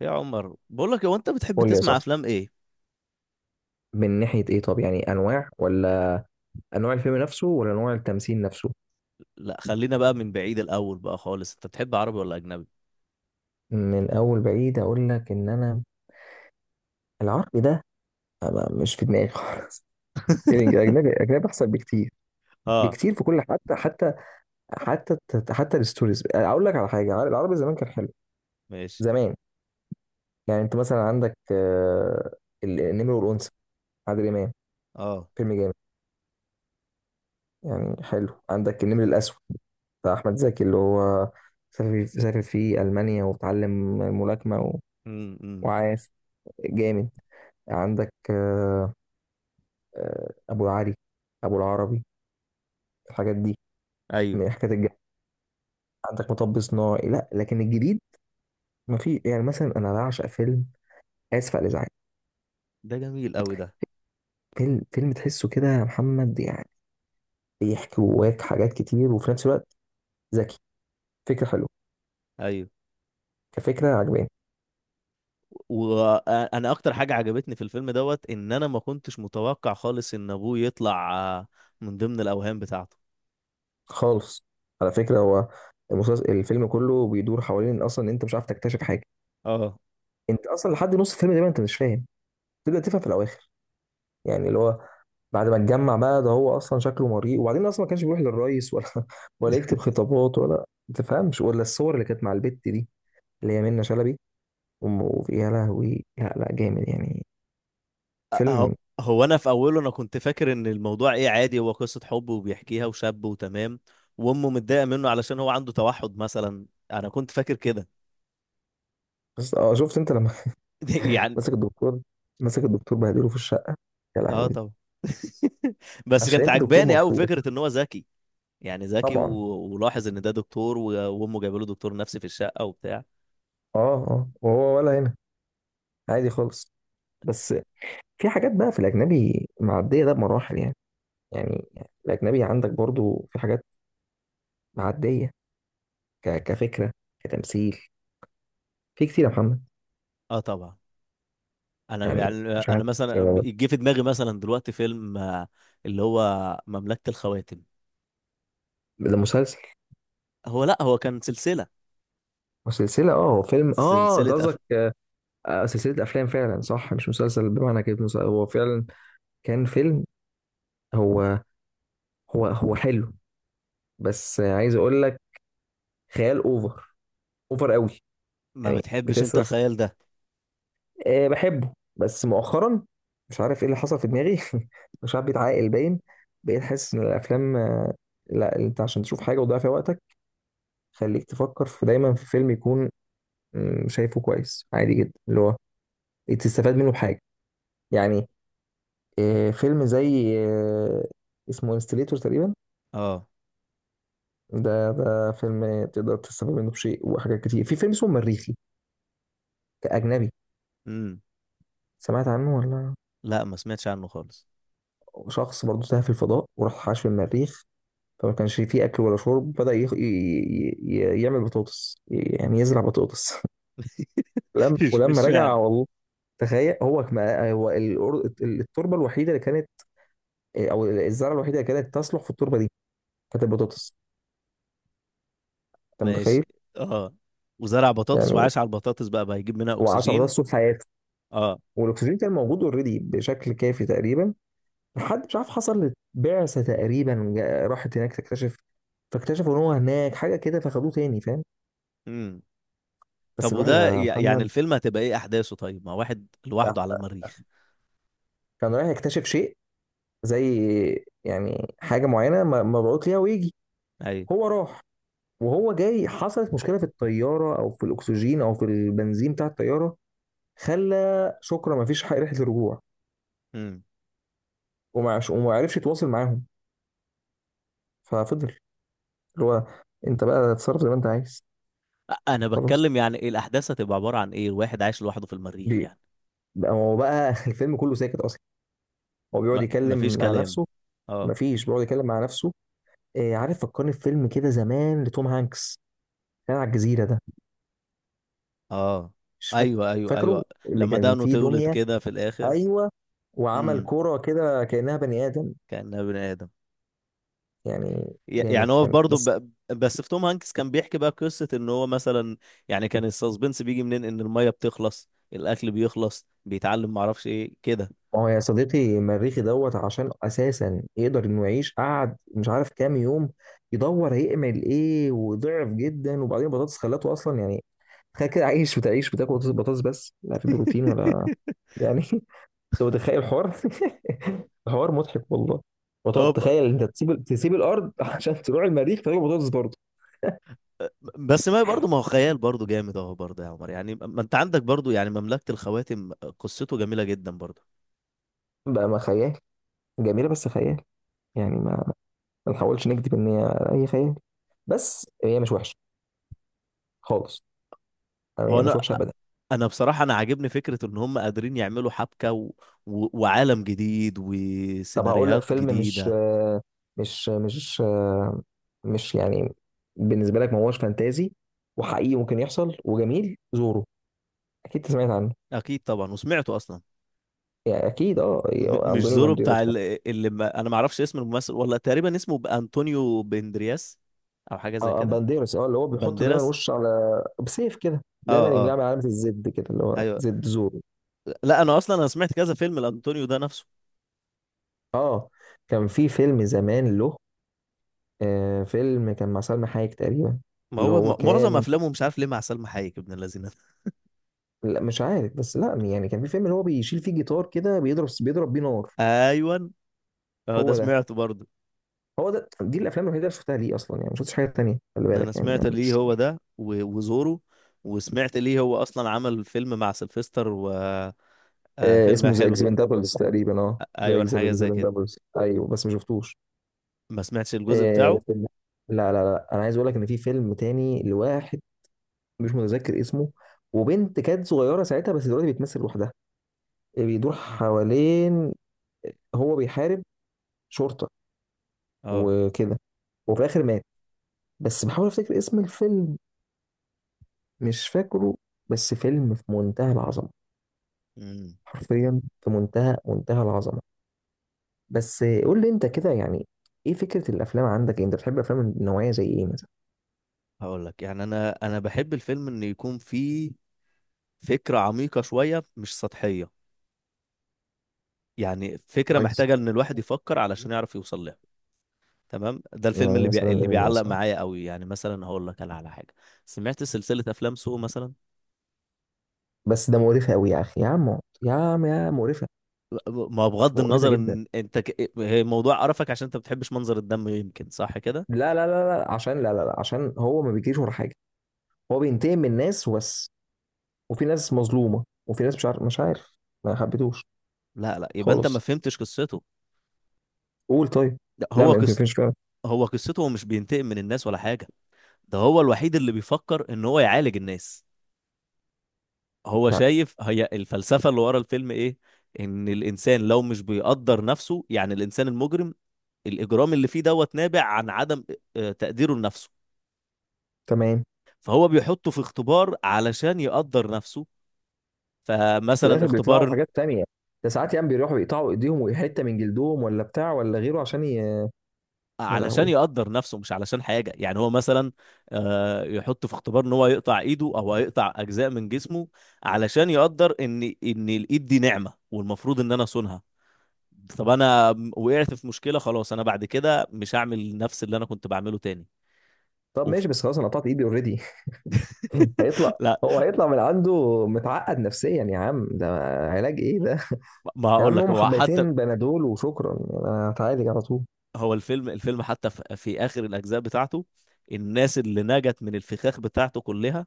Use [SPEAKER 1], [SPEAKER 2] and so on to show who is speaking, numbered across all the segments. [SPEAKER 1] يا عمر، بقول لك، هو انت بتحب
[SPEAKER 2] قول لي يا
[SPEAKER 1] تسمع
[SPEAKER 2] صاحبي،
[SPEAKER 1] افلام ايه؟
[SPEAKER 2] من ناحية ايه؟ طب يعني انواع، ولا انواع الفيلم نفسه ولا انواع التمثيل نفسه؟
[SPEAKER 1] لا خلينا بقى من بعيد الاول بقى خالص، انت بتحب عربي ولا اجنبي؟
[SPEAKER 2] من اول بعيد اقول لك ان انا العربي ده أنا مش في دماغي خالص. الأجنبي الأجنبي الاجنبي أحسن بكتير،
[SPEAKER 1] اه.
[SPEAKER 2] في كل حتى حتى الستوريز. أقول لك على حاجة، العربي زمان كان حلو
[SPEAKER 1] ماشي.
[SPEAKER 2] زمان. يعني أنت مثلا عندك النمر والأنثى، عادل إمام،
[SPEAKER 1] اه.
[SPEAKER 2] فيلم جامد. يعني حلو عندك النمر الأسود بتاع أحمد زكي، اللي هو سافر في ألمانيا وتعلم الملاكمة
[SPEAKER 1] امم.
[SPEAKER 2] وعايز، جامد. عندك آه، ابو العري ابو العربي، الحاجات دي
[SPEAKER 1] ايوه.
[SPEAKER 2] من الحاجات الجامدة. عندك مطب صناعي، لا لكن الجديد ما في. يعني مثلا انا بعشق فيلم اسف على الازعاج،
[SPEAKER 1] ده جميل قوي ده.
[SPEAKER 2] فيلم تحسه كده يا محمد، يعني بيحكي جواك حاجات كتير وفي نفس الوقت ذكي، فكره حلوه،
[SPEAKER 1] ايوه.
[SPEAKER 2] كفكره عجباني
[SPEAKER 1] وانا اكتر حاجه عجبتني في الفيلم دوت ان انا ما كنتش متوقع خالص ان ابوه يطلع آه، من ضمن الاوهام بتاعته.
[SPEAKER 2] خالص. على فكره هو المسلسل، الفيلم كله بيدور حوالين اصلا إن انت مش عارف تكتشف حاجه.
[SPEAKER 1] اه.
[SPEAKER 2] انت اصلا لحد نص الفيلم ده انت مش فاهم، تبدا تفهم في الاواخر. يعني اللي هو بعد ما اتجمع بقى ده، هو اصلا شكله مريء، وبعدين اصلا ما كانش بيروح للرئيس ولا ولا يكتب خطابات، ولا ما تفهمش، ولا الصور اللي كانت مع البت دي اللي هي منة شلبي. وفي يا لهوي، لا لا، جامد يعني،
[SPEAKER 1] أه-
[SPEAKER 2] فيلم.
[SPEAKER 1] هو انا في اوله، انا كنت فاكر ان الموضوع ايه، عادي، هو قصه حب وبيحكيها، وشاب، وتمام، وامه متضايقه منه علشان هو عنده توحد مثلا. انا كنت فاكر كده.
[SPEAKER 2] بس اه، شفت انت لما
[SPEAKER 1] يعني
[SPEAKER 2] مسك الدكتور مسك الدكتور بهدله في الشقه؟ يا
[SPEAKER 1] اه
[SPEAKER 2] لهوي،
[SPEAKER 1] طبعا. بس
[SPEAKER 2] عشان
[SPEAKER 1] كانت
[SPEAKER 2] انت دكتور
[SPEAKER 1] عجباني قوي
[SPEAKER 2] مبسوط،
[SPEAKER 1] فكره ان هو ذكي. يعني ذكي
[SPEAKER 2] طبعا.
[SPEAKER 1] ولاحظ ان ده دكتور وامه جايبه له دكتور نفسي في الشقه وبتاع.
[SPEAKER 2] اه اه، وهو ولا هنا عادي خالص. بس في حاجات بقى في الاجنبي معديه ده بمراحل يعني. يعني الاجنبي عندك برضو في حاجات معديه، كفكرة، كتمثيل، في كتير يا محمد.
[SPEAKER 1] اه طبعا. انا
[SPEAKER 2] يعني
[SPEAKER 1] يعني
[SPEAKER 2] مش
[SPEAKER 1] انا
[SPEAKER 2] عارف
[SPEAKER 1] مثلا
[SPEAKER 2] آه،
[SPEAKER 1] جه في دماغي مثلا دلوقتي فيلم اللي هو مملكه الخواتم.
[SPEAKER 2] ده مسلسل
[SPEAKER 1] هو لا هو كان سلسله.
[SPEAKER 2] وسلسلة. اه هو فيلم، اه انت
[SPEAKER 1] سلسله
[SPEAKER 2] قصدك سلسلة أفلام، فعلا صح مش مسلسل بمعنى كده مسلسل، هو فعلا كان فيلم. هو هو حلو بس عايز أقول لك، خيال أوفر، أوفر قوي،
[SPEAKER 1] ما
[SPEAKER 2] يعني
[SPEAKER 1] بتحبش انت
[SPEAKER 2] بتسرح.
[SPEAKER 1] الخيال ده؟
[SPEAKER 2] آه بحبه بس مؤخرا مش عارف ايه اللي حصل في دماغي. مش عارف، بيتعاقل باين، بقيت حاسس ان الافلام لا انت عشان تشوف حاجه وتضيع فيها وقتك، خليك تفكر في دايما في فيلم يكون، شايفه كويس عادي جدا، اللي هو تستفاد منه بحاجه. يعني فيلم زي اسمه انستليتور تقريبا.
[SPEAKER 1] اه.
[SPEAKER 2] ده فيلم تقدر تستفاد منه بشيء وحاجات كتير. في فيلم اسمه مريخي، كأجنبي.
[SPEAKER 1] امم.
[SPEAKER 2] سمعت عنه ولا؟
[SPEAKER 1] لا ما سمعتش عنه خالص.
[SPEAKER 2] شخص برضه تاه في الفضاء، وراح عاش في المريخ، فما كانش فيه اكل ولا شرب، بدأ يخ... ي... ي... ي- يعمل بطاطس، يعني يزرع بطاطس. ولما
[SPEAKER 1] مش
[SPEAKER 2] ولما
[SPEAKER 1] مش
[SPEAKER 2] رجع
[SPEAKER 1] فعلا.
[SPEAKER 2] والله، تخيل، هو ما هو التربه الوحيده اللي كانت او الزرعه الوحيده اللي كانت تصلح في التربه دي هات البطاطس. انت متخيل؟
[SPEAKER 1] ماشي. اه. وزرع بطاطس
[SPEAKER 2] يعني،
[SPEAKER 1] وعاش على البطاطس، بقى هيجيب منها
[SPEAKER 2] و10
[SPEAKER 1] اكسجين.
[SPEAKER 2] بطاطس طول حياته،
[SPEAKER 1] اه.
[SPEAKER 2] والاكسجين كان موجود اوريدي بشكل كافي تقريبا. لحد مش عارف، حصل بعثه تقريبا راحت هناك تكتشف، فاكتشفوا ان هو هناك حاجه كده فخدوه تاني، فاهم.
[SPEAKER 1] مم.
[SPEAKER 2] بس
[SPEAKER 1] طب
[SPEAKER 2] الواحد
[SPEAKER 1] وده
[SPEAKER 2] يا
[SPEAKER 1] يعني
[SPEAKER 2] محمد
[SPEAKER 1] الفيلم هتبقى ايه احداثه؟ طيب ما واحد لوحده على المريخ.
[SPEAKER 2] كان رايح يكتشف شيء، زي يعني حاجه معينه مبعوث ليها ويجي.
[SPEAKER 1] ايوه.
[SPEAKER 2] هو راح، وهو جاي حصلت مشكله في الطياره، او في الاكسجين، او في البنزين بتاع الطياره، خلى شكرا ما فيش رحله رجوع.
[SPEAKER 1] امم.
[SPEAKER 2] وما عرفش يتواصل معاهم، ففضل، اللي هو انت بقى تتصرف زي ما انت عايز.
[SPEAKER 1] انا
[SPEAKER 2] خلاص
[SPEAKER 1] بتكلم يعني ايه، الاحداث هتبقى عبارة عن ايه، الواحد عايش لوحده في المريخ
[SPEAKER 2] بي-
[SPEAKER 1] يعني.
[SPEAKER 2] بقى هو بقى، الفيلم كله ساكت اصلا، هو بيقعد
[SPEAKER 1] ما مفيش
[SPEAKER 2] يتكلم مع
[SPEAKER 1] كلام.
[SPEAKER 2] نفسه.
[SPEAKER 1] اه
[SPEAKER 2] مفيش، بيقعد يتكلم مع نفسه. إيه عارف، فكرني في فيلم كده زمان لتوم هانكس، كان على الجزيره ده،
[SPEAKER 1] اه.
[SPEAKER 2] مش فاكر.
[SPEAKER 1] ايوه ايوه
[SPEAKER 2] فاكره،
[SPEAKER 1] ايوه.
[SPEAKER 2] اللي
[SPEAKER 1] لما
[SPEAKER 2] كان
[SPEAKER 1] دقنه
[SPEAKER 2] فيه
[SPEAKER 1] تولد
[SPEAKER 2] دميه،
[SPEAKER 1] كده في الاخر.
[SPEAKER 2] ايوه، وعمل
[SPEAKER 1] امم.
[SPEAKER 2] كوره كده كانها بني ادم.
[SPEAKER 1] كأنها بني ادم.
[SPEAKER 2] يعني
[SPEAKER 1] ي-
[SPEAKER 2] جامد
[SPEAKER 1] يعني هو
[SPEAKER 2] كان
[SPEAKER 1] برضه
[SPEAKER 2] بس.
[SPEAKER 1] بس في توم هانكس كان بيحكي بقى قصة ان هو مثلا، يعني كان السسبنس بيجي منين، ان المية بتخلص، الاكل بيخلص، بيتعلم، معرفش ايه كده.
[SPEAKER 2] ما هو يا صديقي مريخي دوت، عشان اساسا يقدر انه يعيش، قعد مش عارف كام يوم يدور هيعمل ايه، وضعف جدا، وبعدين بطاطس خلته اصلا يعني. تخيل كده عايش، بتعيش بتاكل بطاطس بطاطس، بس لا في بروتين ولا يعني. انت متخيل الحوار؟ الحوار مضحك والله. وتقعد
[SPEAKER 1] هو.
[SPEAKER 2] تخيل انت، تسيب الارض عشان تروح المريخ تاكل بطاطس برضه.
[SPEAKER 1] بس ما برضه ما هو خيال برضه جامد اهو، برضه يا عمر، يعني ما انت عندك برضه يعني مملكة الخواتم، قصته جميلة جدا برضه.
[SPEAKER 2] بقى ما خيال، جميله بس خيال يعني. ما، ما نحاولش نكذب ان هي اي خيال، بس هي مش وحشه خالص، يعني
[SPEAKER 1] هو
[SPEAKER 2] هي مش
[SPEAKER 1] انا
[SPEAKER 2] وحشه ابدا.
[SPEAKER 1] انا بصراحة انا عاجبني فكرة ان هم قادرين يعملوا حبكة و... و... وعالم جديد
[SPEAKER 2] طب هقول لك
[SPEAKER 1] وسيناريوهات
[SPEAKER 2] فيلم،
[SPEAKER 1] جديده.
[SPEAKER 2] مش مش مش يعني بالنسبه لك ما هوش فانتازي، وحقيقي ممكن يحصل وجميل. زورو، اكيد سمعت عنه.
[SPEAKER 1] اكيد طبعا وسمعته اصلا.
[SPEAKER 2] يعني اكيد اه،
[SPEAKER 1] م...
[SPEAKER 2] يعني
[SPEAKER 1] مش
[SPEAKER 2] اندونيو
[SPEAKER 1] زورو بتاع
[SPEAKER 2] بانديروس
[SPEAKER 1] ال...
[SPEAKER 2] مثلا.
[SPEAKER 1] اللي ما... انا ما اعرفش اسم الممثل والله، تقريبا اسمه انطونيو بندرياس، او حاجة زي
[SPEAKER 2] اه
[SPEAKER 1] كده.
[SPEAKER 2] بانديروس، اه، اللي هو بيحط دايما
[SPEAKER 1] بنديراس.
[SPEAKER 2] وش، على بسيف كده
[SPEAKER 1] اه
[SPEAKER 2] دايما، يقوم جاي
[SPEAKER 1] اه.
[SPEAKER 2] عامل علامه الزد كده، اللي هو
[SPEAKER 1] ايوه.
[SPEAKER 2] زد زورو.
[SPEAKER 1] لا انا اصلا انا سمعت كذا فيلم لانطونيو ده نفسه.
[SPEAKER 2] اه، كان في فيلم زمان له، آه فيلم كان مع سلمى حايك تقريبا،
[SPEAKER 1] ما
[SPEAKER 2] اللي
[SPEAKER 1] هو
[SPEAKER 2] هو
[SPEAKER 1] معظم
[SPEAKER 2] كان.
[SPEAKER 1] افلامه مش عارف ليه مع سلمى حايك، ابن الذين ده.
[SPEAKER 2] لا مش عارف، بس لا يعني كان في فيلم اللي هو بيشيل فيه جيتار كده، بيضرب بيه نار.
[SPEAKER 1] ايوه. اه ده
[SPEAKER 2] هو ده،
[SPEAKER 1] سمعته برضه.
[SPEAKER 2] هو ده دي الافلام الوحيده اللي شفتها ليه اصلا يعني، ما شفتش حاجه تانيه، خلي
[SPEAKER 1] انا
[SPEAKER 2] بالك يعني.
[SPEAKER 1] سمعت ليه
[SPEAKER 2] مش
[SPEAKER 1] هو
[SPEAKER 2] مش-
[SPEAKER 1] ده و- وزورو. وسمعت ليه هو اصلا عمل فيلم مع سلفستر وفيلم.
[SPEAKER 2] آه اسمه ذا
[SPEAKER 1] حلو كده.
[SPEAKER 2] اكسبندابلز تقريبا، اه. ذا
[SPEAKER 1] ايوه حاجه زي كده.
[SPEAKER 2] اكسبندابلز، ايوه بس ما شفتوش.
[SPEAKER 1] ما سمعتش الجزء
[SPEAKER 2] آه،
[SPEAKER 1] بتاعه.
[SPEAKER 2] فيلم- لا لا لا، انا عايز اقول لك ان في فيلم تاني لواحد مش متذكر اسمه، وبنت كانت صغيره ساعتها بس دلوقتي بتمثل لوحدها. بيدور حوالين، هو بيحارب شرطه
[SPEAKER 1] اه.
[SPEAKER 2] وكده، وفي الاخر مات. بس بحاول افتكر اسم الفيلم، مش فاكره. بس فيلم في منتهى العظمه،
[SPEAKER 1] امم.
[SPEAKER 2] حرفيا في منتهى العظمه. بس قول لي انت كده يعني، ايه فكره الافلام عندك؟ يعني انت بتحب افلام النوعيه زي ايه مثلا؟
[SPEAKER 1] هقول لك يعني، انا بحب الفيلم ان يكون فيه فكره عميقه شويه، مش سطحيه. يعني فكره
[SPEAKER 2] كويس.
[SPEAKER 1] محتاجه ان الواحد يفكر علشان يعرف يوصل لها. تمام. ده الفيلم
[SPEAKER 2] يعني
[SPEAKER 1] اللي
[SPEAKER 2] مثلا
[SPEAKER 1] بي... اللي
[SPEAKER 2] ايه
[SPEAKER 1] بيعلق
[SPEAKER 2] مثلا؟
[SPEAKER 1] معايا قوي. يعني مثلا هقول لك انا على حاجه، سمعت سلسله افلام سو مثلا.
[SPEAKER 2] بس ده مقرفه قوي يا اخي، يا عم يا عم، يا مقرفه،
[SPEAKER 1] ما بغض
[SPEAKER 2] مقرفه
[SPEAKER 1] النظر
[SPEAKER 2] جدا.
[SPEAKER 1] ان انت هي موضوع قرفك عشان انت ما بتحبش منظر الدم، يمكن صح كده.
[SPEAKER 2] لا لا لا لا، عشان، لا لا لا، عشان هو ما بيجريش ورا حاجه، هو بينتقم من الناس وبس. وفي ناس مظلومه، وفي ناس مش عارف، مش عارف، ما حبيتوش
[SPEAKER 1] لا لا، يبقى انت ما
[SPEAKER 2] خالص.
[SPEAKER 1] فهمتش قصته.
[SPEAKER 2] قول طيب،
[SPEAKER 1] لا،
[SPEAKER 2] لا
[SPEAKER 1] هو
[SPEAKER 2] ما
[SPEAKER 1] قص...
[SPEAKER 2] يمكنش فعلا.
[SPEAKER 1] هو قصته، هو مش بينتقم من الناس ولا حاجه. ده هو الوحيد اللي بيفكر ان هو يعالج الناس. هو
[SPEAKER 2] لا،
[SPEAKER 1] شايف هي الفلسفه اللي ورا الفيلم ايه. ان الانسان لو مش بيقدر نفسه، يعني الانسان المجرم، الاجرام اللي فيه دوت نابع عن عدم تقديره لنفسه.
[SPEAKER 2] تمام.
[SPEAKER 1] فهو بيحطه في اختبار علشان يقدر نفسه.
[SPEAKER 2] في
[SPEAKER 1] فمثلا
[SPEAKER 2] الاخر بيطلعوا
[SPEAKER 1] اختبار
[SPEAKER 2] بحاجات تانية، ده ساعات يعني بيروحوا يقطعوا ايديهم وحته من جلدهم ولا بتاع ولا غيره، عشان يا
[SPEAKER 1] علشان
[SPEAKER 2] لهوي.
[SPEAKER 1] يقدر نفسه، مش علشان حاجة يعني، هو مثلا يحطه في اختبار ان هو يقطع ايده او هيقطع اجزاء من جسمه، علشان يقدر ان الايد دي نعمة، والمفروض ان انا اصونها. طب انا وقعت في مشكلة خلاص، انا بعد كده مش هعمل نفس اللي انا كنت بعمله تاني.
[SPEAKER 2] طب
[SPEAKER 1] اوف.
[SPEAKER 2] ماشي، بس خلاص انا قطعت ايدي اوريدي. هيطلع،
[SPEAKER 1] لا.
[SPEAKER 2] هو هيطلع من عنده متعقد نفسيا يا عم ده، علاج ايه ده؟
[SPEAKER 1] ما
[SPEAKER 2] يا
[SPEAKER 1] هقول
[SPEAKER 2] عم،
[SPEAKER 1] لك،
[SPEAKER 2] هم
[SPEAKER 1] هو حتى،
[SPEAKER 2] حبيتين بنادول وشكرا يعني، انا هتعالج على طول.
[SPEAKER 1] هو الفيلم حتى في اخر الاجزاء بتاعته، الناس اللي نجت من الفخاخ بتاعته كلها،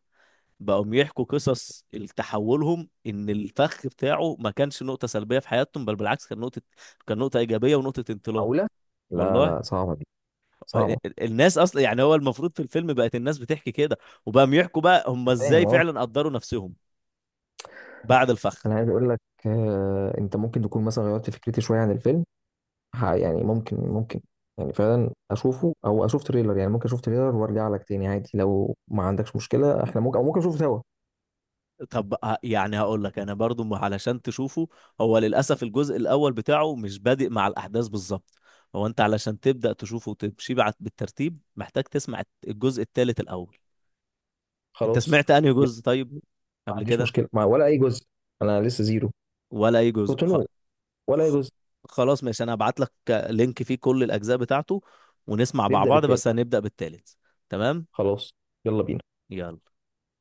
[SPEAKER 1] بقوم يحكوا قصص تحولهم ان الفخ بتاعه ما كانش نقطة سلبية في حياتهم، بل بالعكس كان نقطة، كان نقطة إيجابية ونقطة انطلاق.
[SPEAKER 2] معقولة؟ لا
[SPEAKER 1] والله.
[SPEAKER 2] لا، صعبة دي، صعبة.
[SPEAKER 1] الناس اصلا يعني هو المفروض في الفيلم بقت الناس بتحكي كده، وبقى يحكوا بقى هم
[SPEAKER 2] أنا فاهم
[SPEAKER 1] ازاي
[SPEAKER 2] اه.
[SPEAKER 1] فعلا قدروا نفسهم بعد الفخ.
[SPEAKER 2] انا عايز اقول لك، انت ممكن تكون مثلا غيرت فكرتي شويه عن الفيلم. يعني ممكن، ممكن، يعني فعلا اشوفه او اشوف تريلر. يعني ممكن اشوف تريلر وارجع لك تاني عادي، لو ما عندكش مشكله احنا ممكن، او ممكن نشوفه سوا.
[SPEAKER 1] طب يعني هقول لك انا برضو علشان تشوفه، هو للاسف الجزء الاول بتاعه مش بادئ مع الاحداث بالظبط. هو انت علشان تبدا تشوفه وتمشي بعد بالترتيب محتاج تسمع الجزء الثالث الاول. انت
[SPEAKER 2] خلاص.
[SPEAKER 1] سمعت انهي
[SPEAKER 2] يلا،
[SPEAKER 1] جزء طيب
[SPEAKER 2] ما
[SPEAKER 1] قبل
[SPEAKER 2] عنديش
[SPEAKER 1] كده؟
[SPEAKER 2] مشكله مع ولا اي جزء، انا لسه زيرو،
[SPEAKER 1] ولا اي جزء
[SPEAKER 2] كنت نو، ولا اي
[SPEAKER 1] خ...
[SPEAKER 2] جزء.
[SPEAKER 1] خلاص ماشي، انا هبعت لك لينك فيه كل الاجزاء بتاعته ونسمع مع
[SPEAKER 2] نبدا
[SPEAKER 1] بعض،
[SPEAKER 2] بالتالي.
[SPEAKER 1] بس هنبدأ بالتالت. تمام.
[SPEAKER 2] خلاص، يلا بينا.
[SPEAKER 1] يلا.